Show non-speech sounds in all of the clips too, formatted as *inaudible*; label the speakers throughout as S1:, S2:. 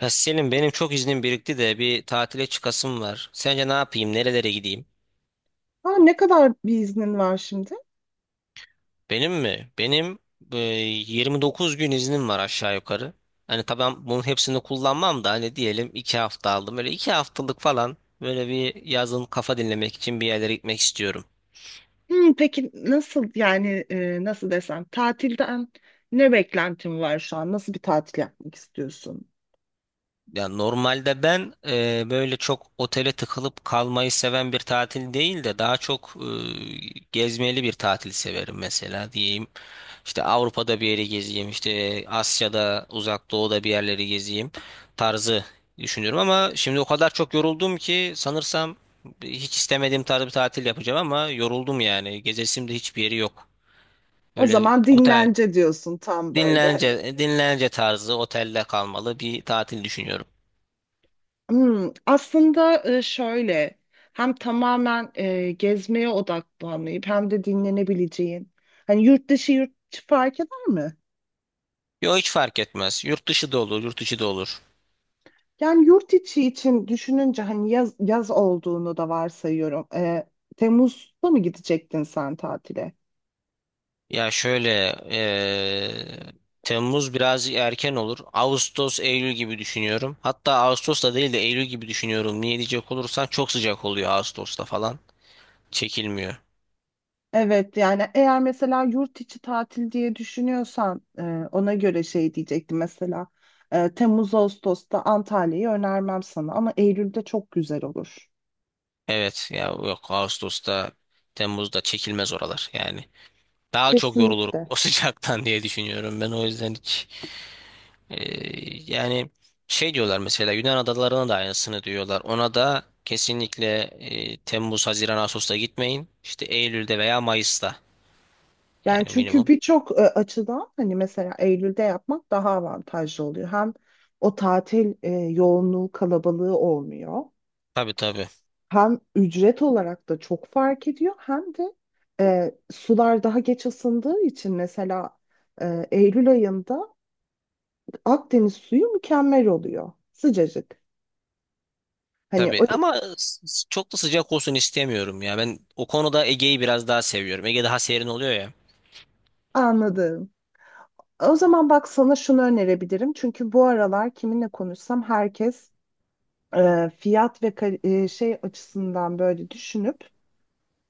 S1: Ya Selim, benim çok iznim birikti de bir tatile çıkasım var. Sence ne yapayım? Nerelere gideyim?
S2: Ha, ne kadar bir iznin var şimdi?
S1: Benim mi? Benim 29 gün iznim var aşağı yukarı. Hani tamam, bunun hepsini kullanmam da hani diyelim 2 hafta aldım. Böyle 2 haftalık falan, böyle bir yazın kafa dinlemek için bir yerlere gitmek istiyorum.
S2: Peki nasıl yani nasıl desem tatilden ne beklentin var şu an? Nasıl bir tatil yapmak istiyorsun?
S1: Ya normalde ben böyle çok otele tıkılıp kalmayı seven bir tatil değil de daha çok gezmeli bir tatil severim mesela diyeyim. İşte Avrupa'da bir yeri gezeyim, işte Asya'da, Uzak Doğu'da bir yerleri gezeyim tarzı düşünüyorum, ama şimdi o kadar çok yoruldum ki sanırsam hiç istemediğim tarz bir tatil yapacağım ama yoruldum yani. Gezesim de hiçbir yeri yok.
S2: O
S1: Böyle
S2: zaman
S1: otel,
S2: dinlence diyorsun tam böyle.
S1: dinlence tarzı otelde kalmalı bir tatil düşünüyorum.
S2: Aslında şöyle hem tamamen gezmeye odaklanmayıp hem de dinlenebileceğin hani yurt dışı yurt içi fark eder mi?
S1: Yo, hiç fark etmez. Yurt dışı da olur, yurt içi de olur.
S2: Yani yurt içi için düşününce hani yaz olduğunu da varsayıyorum. Temmuz'da mı gidecektin sen tatile?
S1: Ya şöyle Temmuz biraz erken olur. Ağustos, Eylül gibi düşünüyorum. Hatta Ağustos da değil de Eylül gibi düşünüyorum. Niye diyecek olursan, çok sıcak oluyor Ağustos'ta falan. Çekilmiyor.
S2: Evet yani eğer mesela yurt içi tatil diye düşünüyorsan ona göre şey diyecektim mesela Temmuz Ağustos'ta Antalya'yı önermem sana ama Eylül'de çok güzel olur.
S1: Evet ya, yok, Ağustos'ta, Temmuz'da çekilmez oralar yani. Daha çok yorulurum
S2: Kesinlikle.
S1: o *laughs* sıcaktan diye düşünüyorum, ben o yüzden hiç. Ee, yani şey diyorlar mesela, Yunan adalarına da aynısını diyorlar. Ona da kesinlikle Temmuz, Haziran, Ağustos'ta gitmeyin. İşte Eylül'de veya Mayıs'ta
S2: Yani
S1: yani
S2: çünkü
S1: minimum.
S2: birçok açıdan hani mesela Eylül'de yapmak daha avantajlı oluyor. Hem o tatil yoğunluğu kalabalığı olmuyor.
S1: Tabii tabii.
S2: Hem ücret olarak da çok fark ediyor hem de sular daha geç ısındığı için mesela Eylül ayında Akdeniz suyu mükemmel oluyor. Sıcacık. Hani o
S1: Tabii ama çok da sıcak olsun istemiyorum ya. Ben o konuda Ege'yi biraz daha seviyorum. Ege daha serin oluyor ya.
S2: anladım. O zaman bak sana şunu önerebilirim. Çünkü bu aralar kiminle konuşsam herkes fiyat ve şey açısından böyle düşünüp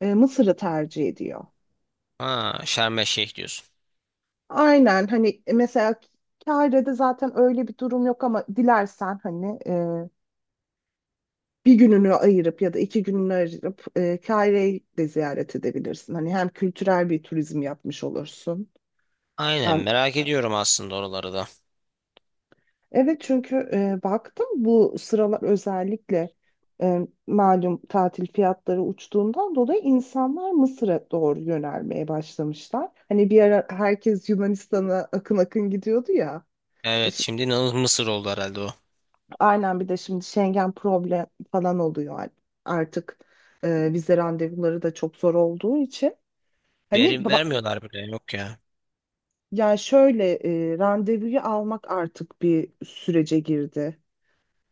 S2: Mısır'ı tercih ediyor.
S1: Ha, Şarm El Şeyh diyorsun.
S2: Aynen hani mesela Kahire'de zaten öyle bir durum yok ama dilersen hani bir gününü ayırıp ya da iki gününü ayırıp Kahire'yi de ziyaret edebilirsin. Hani hem kültürel bir turizm yapmış olursun,
S1: Aynen,
S2: hem,
S1: merak ediyorum aslında oraları da.
S2: evet, çünkü baktım bu sıralar özellikle e, malum tatil fiyatları uçtuğundan dolayı insanlar Mısır'a doğru yönelmeye başlamışlar. Hani bir ara herkes Yunanistan'a akın akın gidiyordu ya. E,
S1: Evet,
S2: ş-
S1: şimdi inanılmaz Mısır oldu herhalde o.
S2: Aynen bir de şimdi Schengen problem falan oluyor artık. Vize randevuları da çok zor olduğu için. Hani
S1: Verim
S2: ba-
S1: vermiyorlar bile, yok ya.
S2: Ya şöyle randevuyu almak artık bir sürece girdi.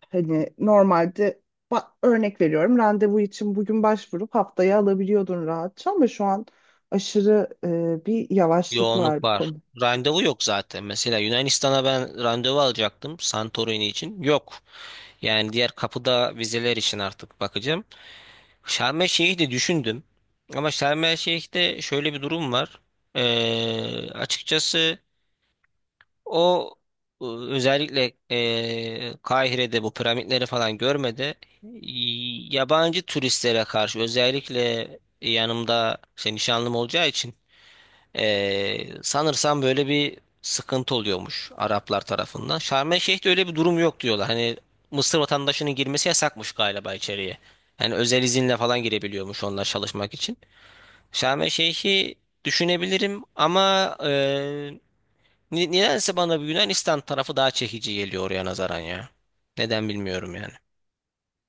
S2: Hani normalde örnek veriyorum randevu için bugün başvurup haftaya alabiliyordun rahatça ama şu an aşırı bir yavaşlık var
S1: Yoğunluk
S2: bu
S1: var.
S2: konu.
S1: Randevu yok zaten. Mesela Yunanistan'a ben randevu alacaktım Santorini için. Yok. Yani diğer kapıda vizeler için artık bakacağım. Şarm El Şeyh'i de düşündüm. Ama Şarm El Şeyh'te şöyle bir durum var. Açıkçası o özellikle Kahire'de bu piramitleri falan görmedi. Yabancı turistlere karşı, özellikle yanımda işte nişanlım olacağı için sanırsam böyle bir sıkıntı oluyormuş Araplar tarafından. Şarm El Şeyh'te öyle bir durum yok diyorlar. Hani Mısır vatandaşının girmesi yasakmış galiba içeriye. Yani özel izinle falan girebiliyormuş onlar, çalışmak için. Şarm El Şeyh'i düşünebilirim ama nedense bana bir Yunanistan tarafı daha çekici geliyor oraya nazaran ya. Neden bilmiyorum yani.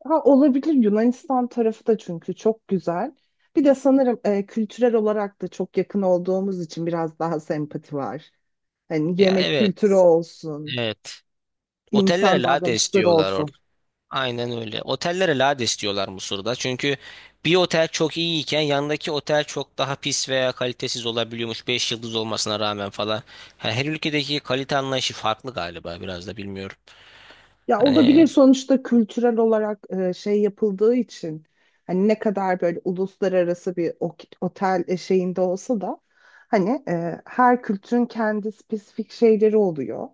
S2: Ha, olabilir Yunanistan tarafı da çünkü çok güzel. Bir de sanırım kültürel olarak da çok yakın olduğumuz için biraz daha sempati var. Hani
S1: Ya
S2: yemek kültürü
S1: evet,
S2: olsun,
S1: evet. Otellere
S2: insan
S1: lade
S2: davranışları
S1: istiyorlar.
S2: olsun.
S1: Aynen öyle. Otellere lades diyorlar Mısır'da. Çünkü bir otel çok iyiyken yanındaki otel çok daha pis veya kalitesiz olabiliyormuş. 5 yıldız olmasına rağmen falan. Ha, her ülkedeki kalite anlayışı farklı galiba biraz da, bilmiyorum.
S2: Ya olabilir
S1: Hani
S2: sonuçta kültürel olarak şey yapıldığı için hani ne kadar böyle uluslararası bir otel şeyinde olsa da hani her kültürün kendi spesifik şeyleri oluyor.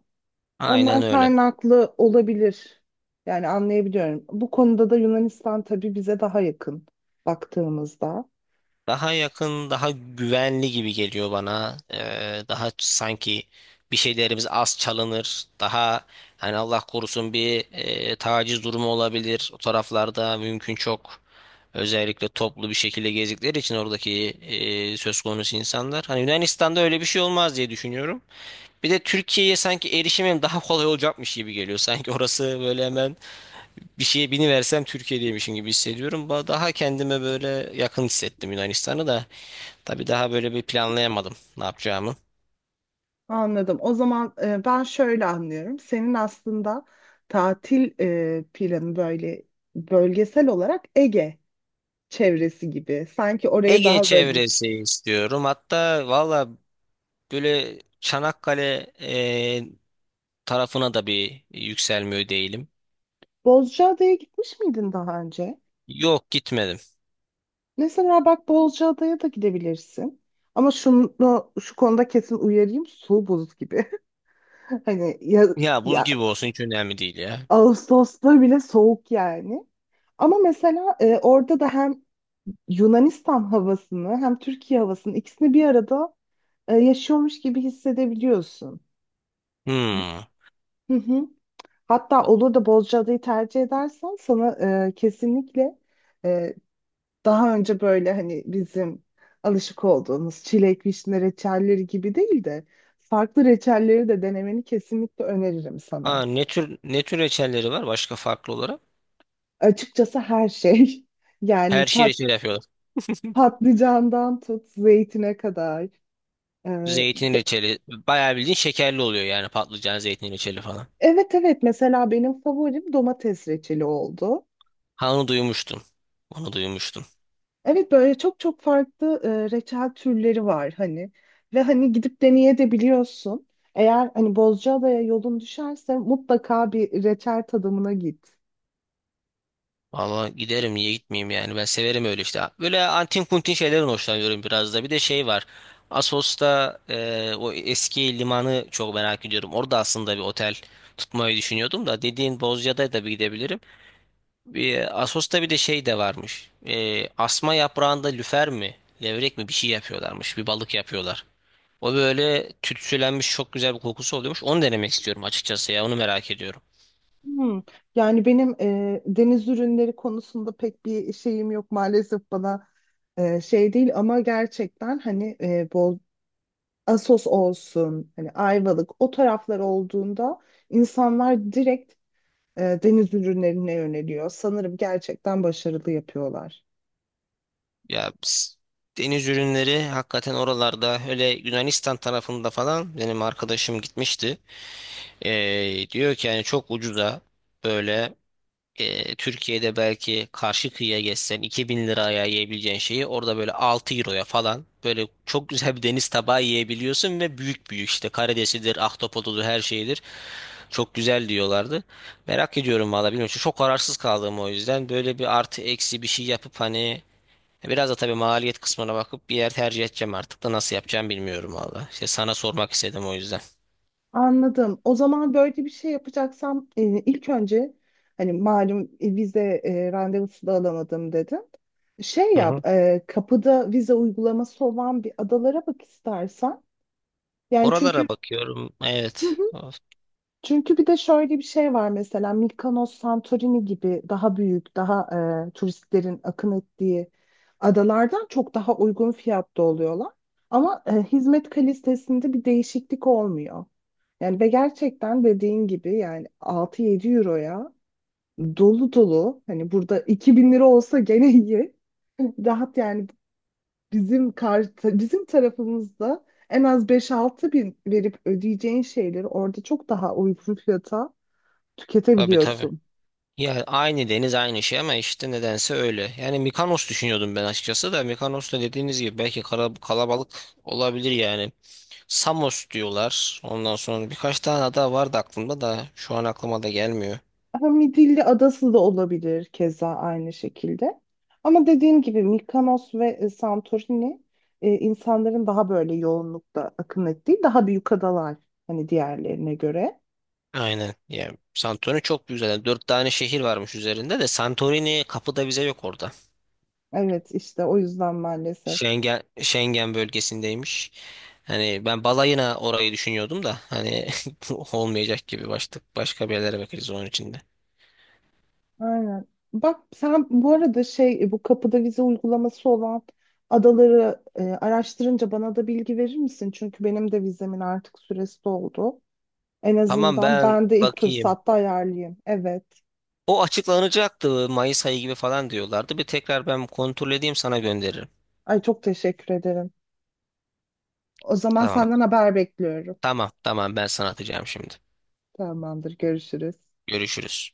S2: Ondan
S1: aynen öyle.
S2: kaynaklı olabilir. Yani anlayabiliyorum. Bu konuda da Yunanistan tabii bize daha yakın baktığımızda.
S1: Daha yakın, daha güvenli gibi geliyor bana. Daha sanki bir şeylerimiz az çalınır. Daha hani Allah korusun bir taciz durumu olabilir. O taraflarda mümkün çok. Özellikle toplu bir şekilde gezdikleri için oradaki söz konusu insanlar. Hani Yunanistan'da öyle bir şey olmaz diye düşünüyorum. Bir de Türkiye'ye sanki erişimim daha kolay olacakmış gibi geliyor. Sanki orası böyle hemen bir şeye biniversem Türkiye'deymişim gibi hissediyorum. Daha kendime böyle yakın hissettim Yunanistan'ı da. Tabii daha böyle bir planlayamadım ne yapacağımı.
S2: Anladım. O zaman ben şöyle anlıyorum. Senin aslında tatil planı böyle bölgesel olarak Ege çevresi gibi. Sanki oraya
S1: Ege
S2: daha böyle.
S1: çevresi istiyorum. Hatta valla böyle Çanakkale tarafına da bir yükselmiyor değilim.
S2: Bozcaada'ya gitmiş miydin daha önce?
S1: Yok, gitmedim.
S2: Mesela bak Bozcaada'ya da gidebilirsin. Ama şu konuda kesin uyarayım. Su buz gibi. *laughs* Hani ya,
S1: Ya buz
S2: ya
S1: gibi olsun, hiç önemli değil ya.
S2: Ağustos'ta bile soğuk yani. Ama mesela orada da hem Yunanistan havasını hem Türkiye havasını ikisini bir arada yaşıyormuş gibi hissedebiliyorsun.
S1: Hmm.
S2: Hı hı. Hatta olur da Bozcaada'yı tercih edersen sana kesinlikle e, daha önce böyle hani bizim alışık olduğumuz çilek, vişne reçelleri gibi değil de farklı reçelleri de denemeni kesinlikle öneririm sana.
S1: Ha, ne tür, ne tür reçelleri var başka farklı olarak?
S2: Açıkçası her şey *laughs* yani
S1: Her şey reçel yapıyorlar. *laughs*
S2: patlıcandan tut zeytine kadar. Ee,
S1: Zeytin reçeli. Bayağı bildiğin şekerli oluyor yani, patlıcan zeytin reçeli falan.
S2: evet evet mesela benim favorim domates reçeli oldu.
S1: Ha, onu duymuştum. Onu duymuştum.
S2: Evet böyle çok çok farklı reçel türleri var hani ve hani gidip deneyebiliyorsun. Eğer hani Bozcaada'ya yolun düşerse mutlaka bir reçel tadımına git.
S1: Valla giderim, niye gitmeyeyim yani, ben severim öyle işte. Böyle antin kuntin şeylerin hoşlanıyorum biraz da. Bir de şey var. Assos'ta o eski limanı çok merak ediyorum. Orada aslında bir otel tutmayı düşünüyordum da, dediğin Bozcaada da bir gidebilirim. Bir, Assos'ta bir de şey de varmış. Asma yaprağında lüfer mi, levrek mi bir şey yapıyorlarmış. Bir balık yapıyorlar. O böyle tütsülenmiş, çok güzel bir kokusu oluyormuş. Onu denemek istiyorum açıkçası, ya onu merak ediyorum.
S2: Hmm. Yani benim deniz ürünleri konusunda pek bir şeyim yok maalesef bana şey değil ama gerçekten hani bol Assos olsun hani Ayvalık o taraflar olduğunda insanlar direkt deniz ürünlerine yöneliyor. Sanırım gerçekten başarılı yapıyorlar.
S1: Ya biz- deniz ürünleri hakikaten oralarda öyle, Yunanistan tarafında falan, benim arkadaşım gitmişti. Diyor ki, yani çok ucuza böyle, Türkiye'de belki karşı kıyıya geçsen 2000 liraya yiyebileceğin şeyi orada böyle 6 euroya falan, böyle çok güzel bir deniz tabağı yiyebiliyorsun ve büyük büyük işte, karidesidir, ahtapotudur, her şeydir. Çok güzel diyorlardı. Merak ediyorum valla, bilmiyorum. Çok kararsız kaldım o yüzden. Böyle bir artı eksi bir şey yapıp hani, biraz da tabii maliyet kısmına bakıp bir yer tercih edeceğim artık da, nasıl yapacağım bilmiyorum valla. İşte sana sormak istedim o yüzden.
S2: Anladım. O zaman böyle bir şey yapacaksam ilk önce hani malum vize randevusu da alamadım dedim.
S1: Hı hı.
S2: Kapıda vize uygulaması olan bir adalara bak istersen. Yani çünkü
S1: Oralara bakıyorum. Evet.
S2: *laughs*
S1: Of.
S2: Çünkü bir de şöyle bir şey var mesela Mykonos, Santorini gibi daha büyük, daha turistlerin akın ettiği adalardan çok daha uygun fiyatta oluyorlar. Ama hizmet kalitesinde bir değişiklik olmuyor. Yani ve gerçekten dediğin gibi yani 6-7 euroya dolu dolu hani burada 2.000 lira olsa gene iyi. *laughs* Rahat yani bizim tarafımızda en az 5-6 bin verip ödeyeceğin şeyleri orada çok daha uygun fiyata
S1: Tabii tabii.
S2: tüketebiliyorsun.
S1: Ya aynı deniz, aynı şey ama işte nedense öyle. Yani Mikonos düşünüyordum ben açıkçası da, Mikonos da dediğiniz gibi belki kalabalık olabilir yani. Samos diyorlar. Ondan sonra birkaç tane ada vardı aklımda da şu an aklıma da gelmiyor.
S2: Ama Midilli Adası da olabilir keza aynı şekilde. Ama dediğim gibi Mikonos ve Santorini insanların daha böyle yoğunlukta akın ettiği daha büyük adalar hani diğerlerine göre.
S1: Aynen. Yani Santorini çok büyük zaten. Dört tane şehir varmış üzerinde de, Santorini kapıda vize yok orada.
S2: Evet işte o yüzden maalesef.
S1: Schengen bölgesindeymiş. Hani ben balayına orayı düşünüyordum da hani *laughs* olmayacak gibi, başlık başka bir yerlere bakarız onun içinde.
S2: Aynen. Bak sen bu arada bu kapıda vize uygulaması olan adaları araştırınca bana da bilgi verir misin? Çünkü benim de vizemin artık süresi doldu. En
S1: Tamam,
S2: azından
S1: ben
S2: ben de ilk
S1: bakayım.
S2: fırsatta ayarlayayım. Evet.
S1: O açıklanacaktı, Mayıs ayı gibi falan diyorlardı. Bir tekrar ben kontrol edeyim, sana gönderirim.
S2: Ay çok teşekkür ederim. O zaman
S1: Tamam.
S2: senden haber bekliyorum.
S1: Tamam, ben sana atacağım şimdi.
S2: Tamamdır, görüşürüz.
S1: Görüşürüz.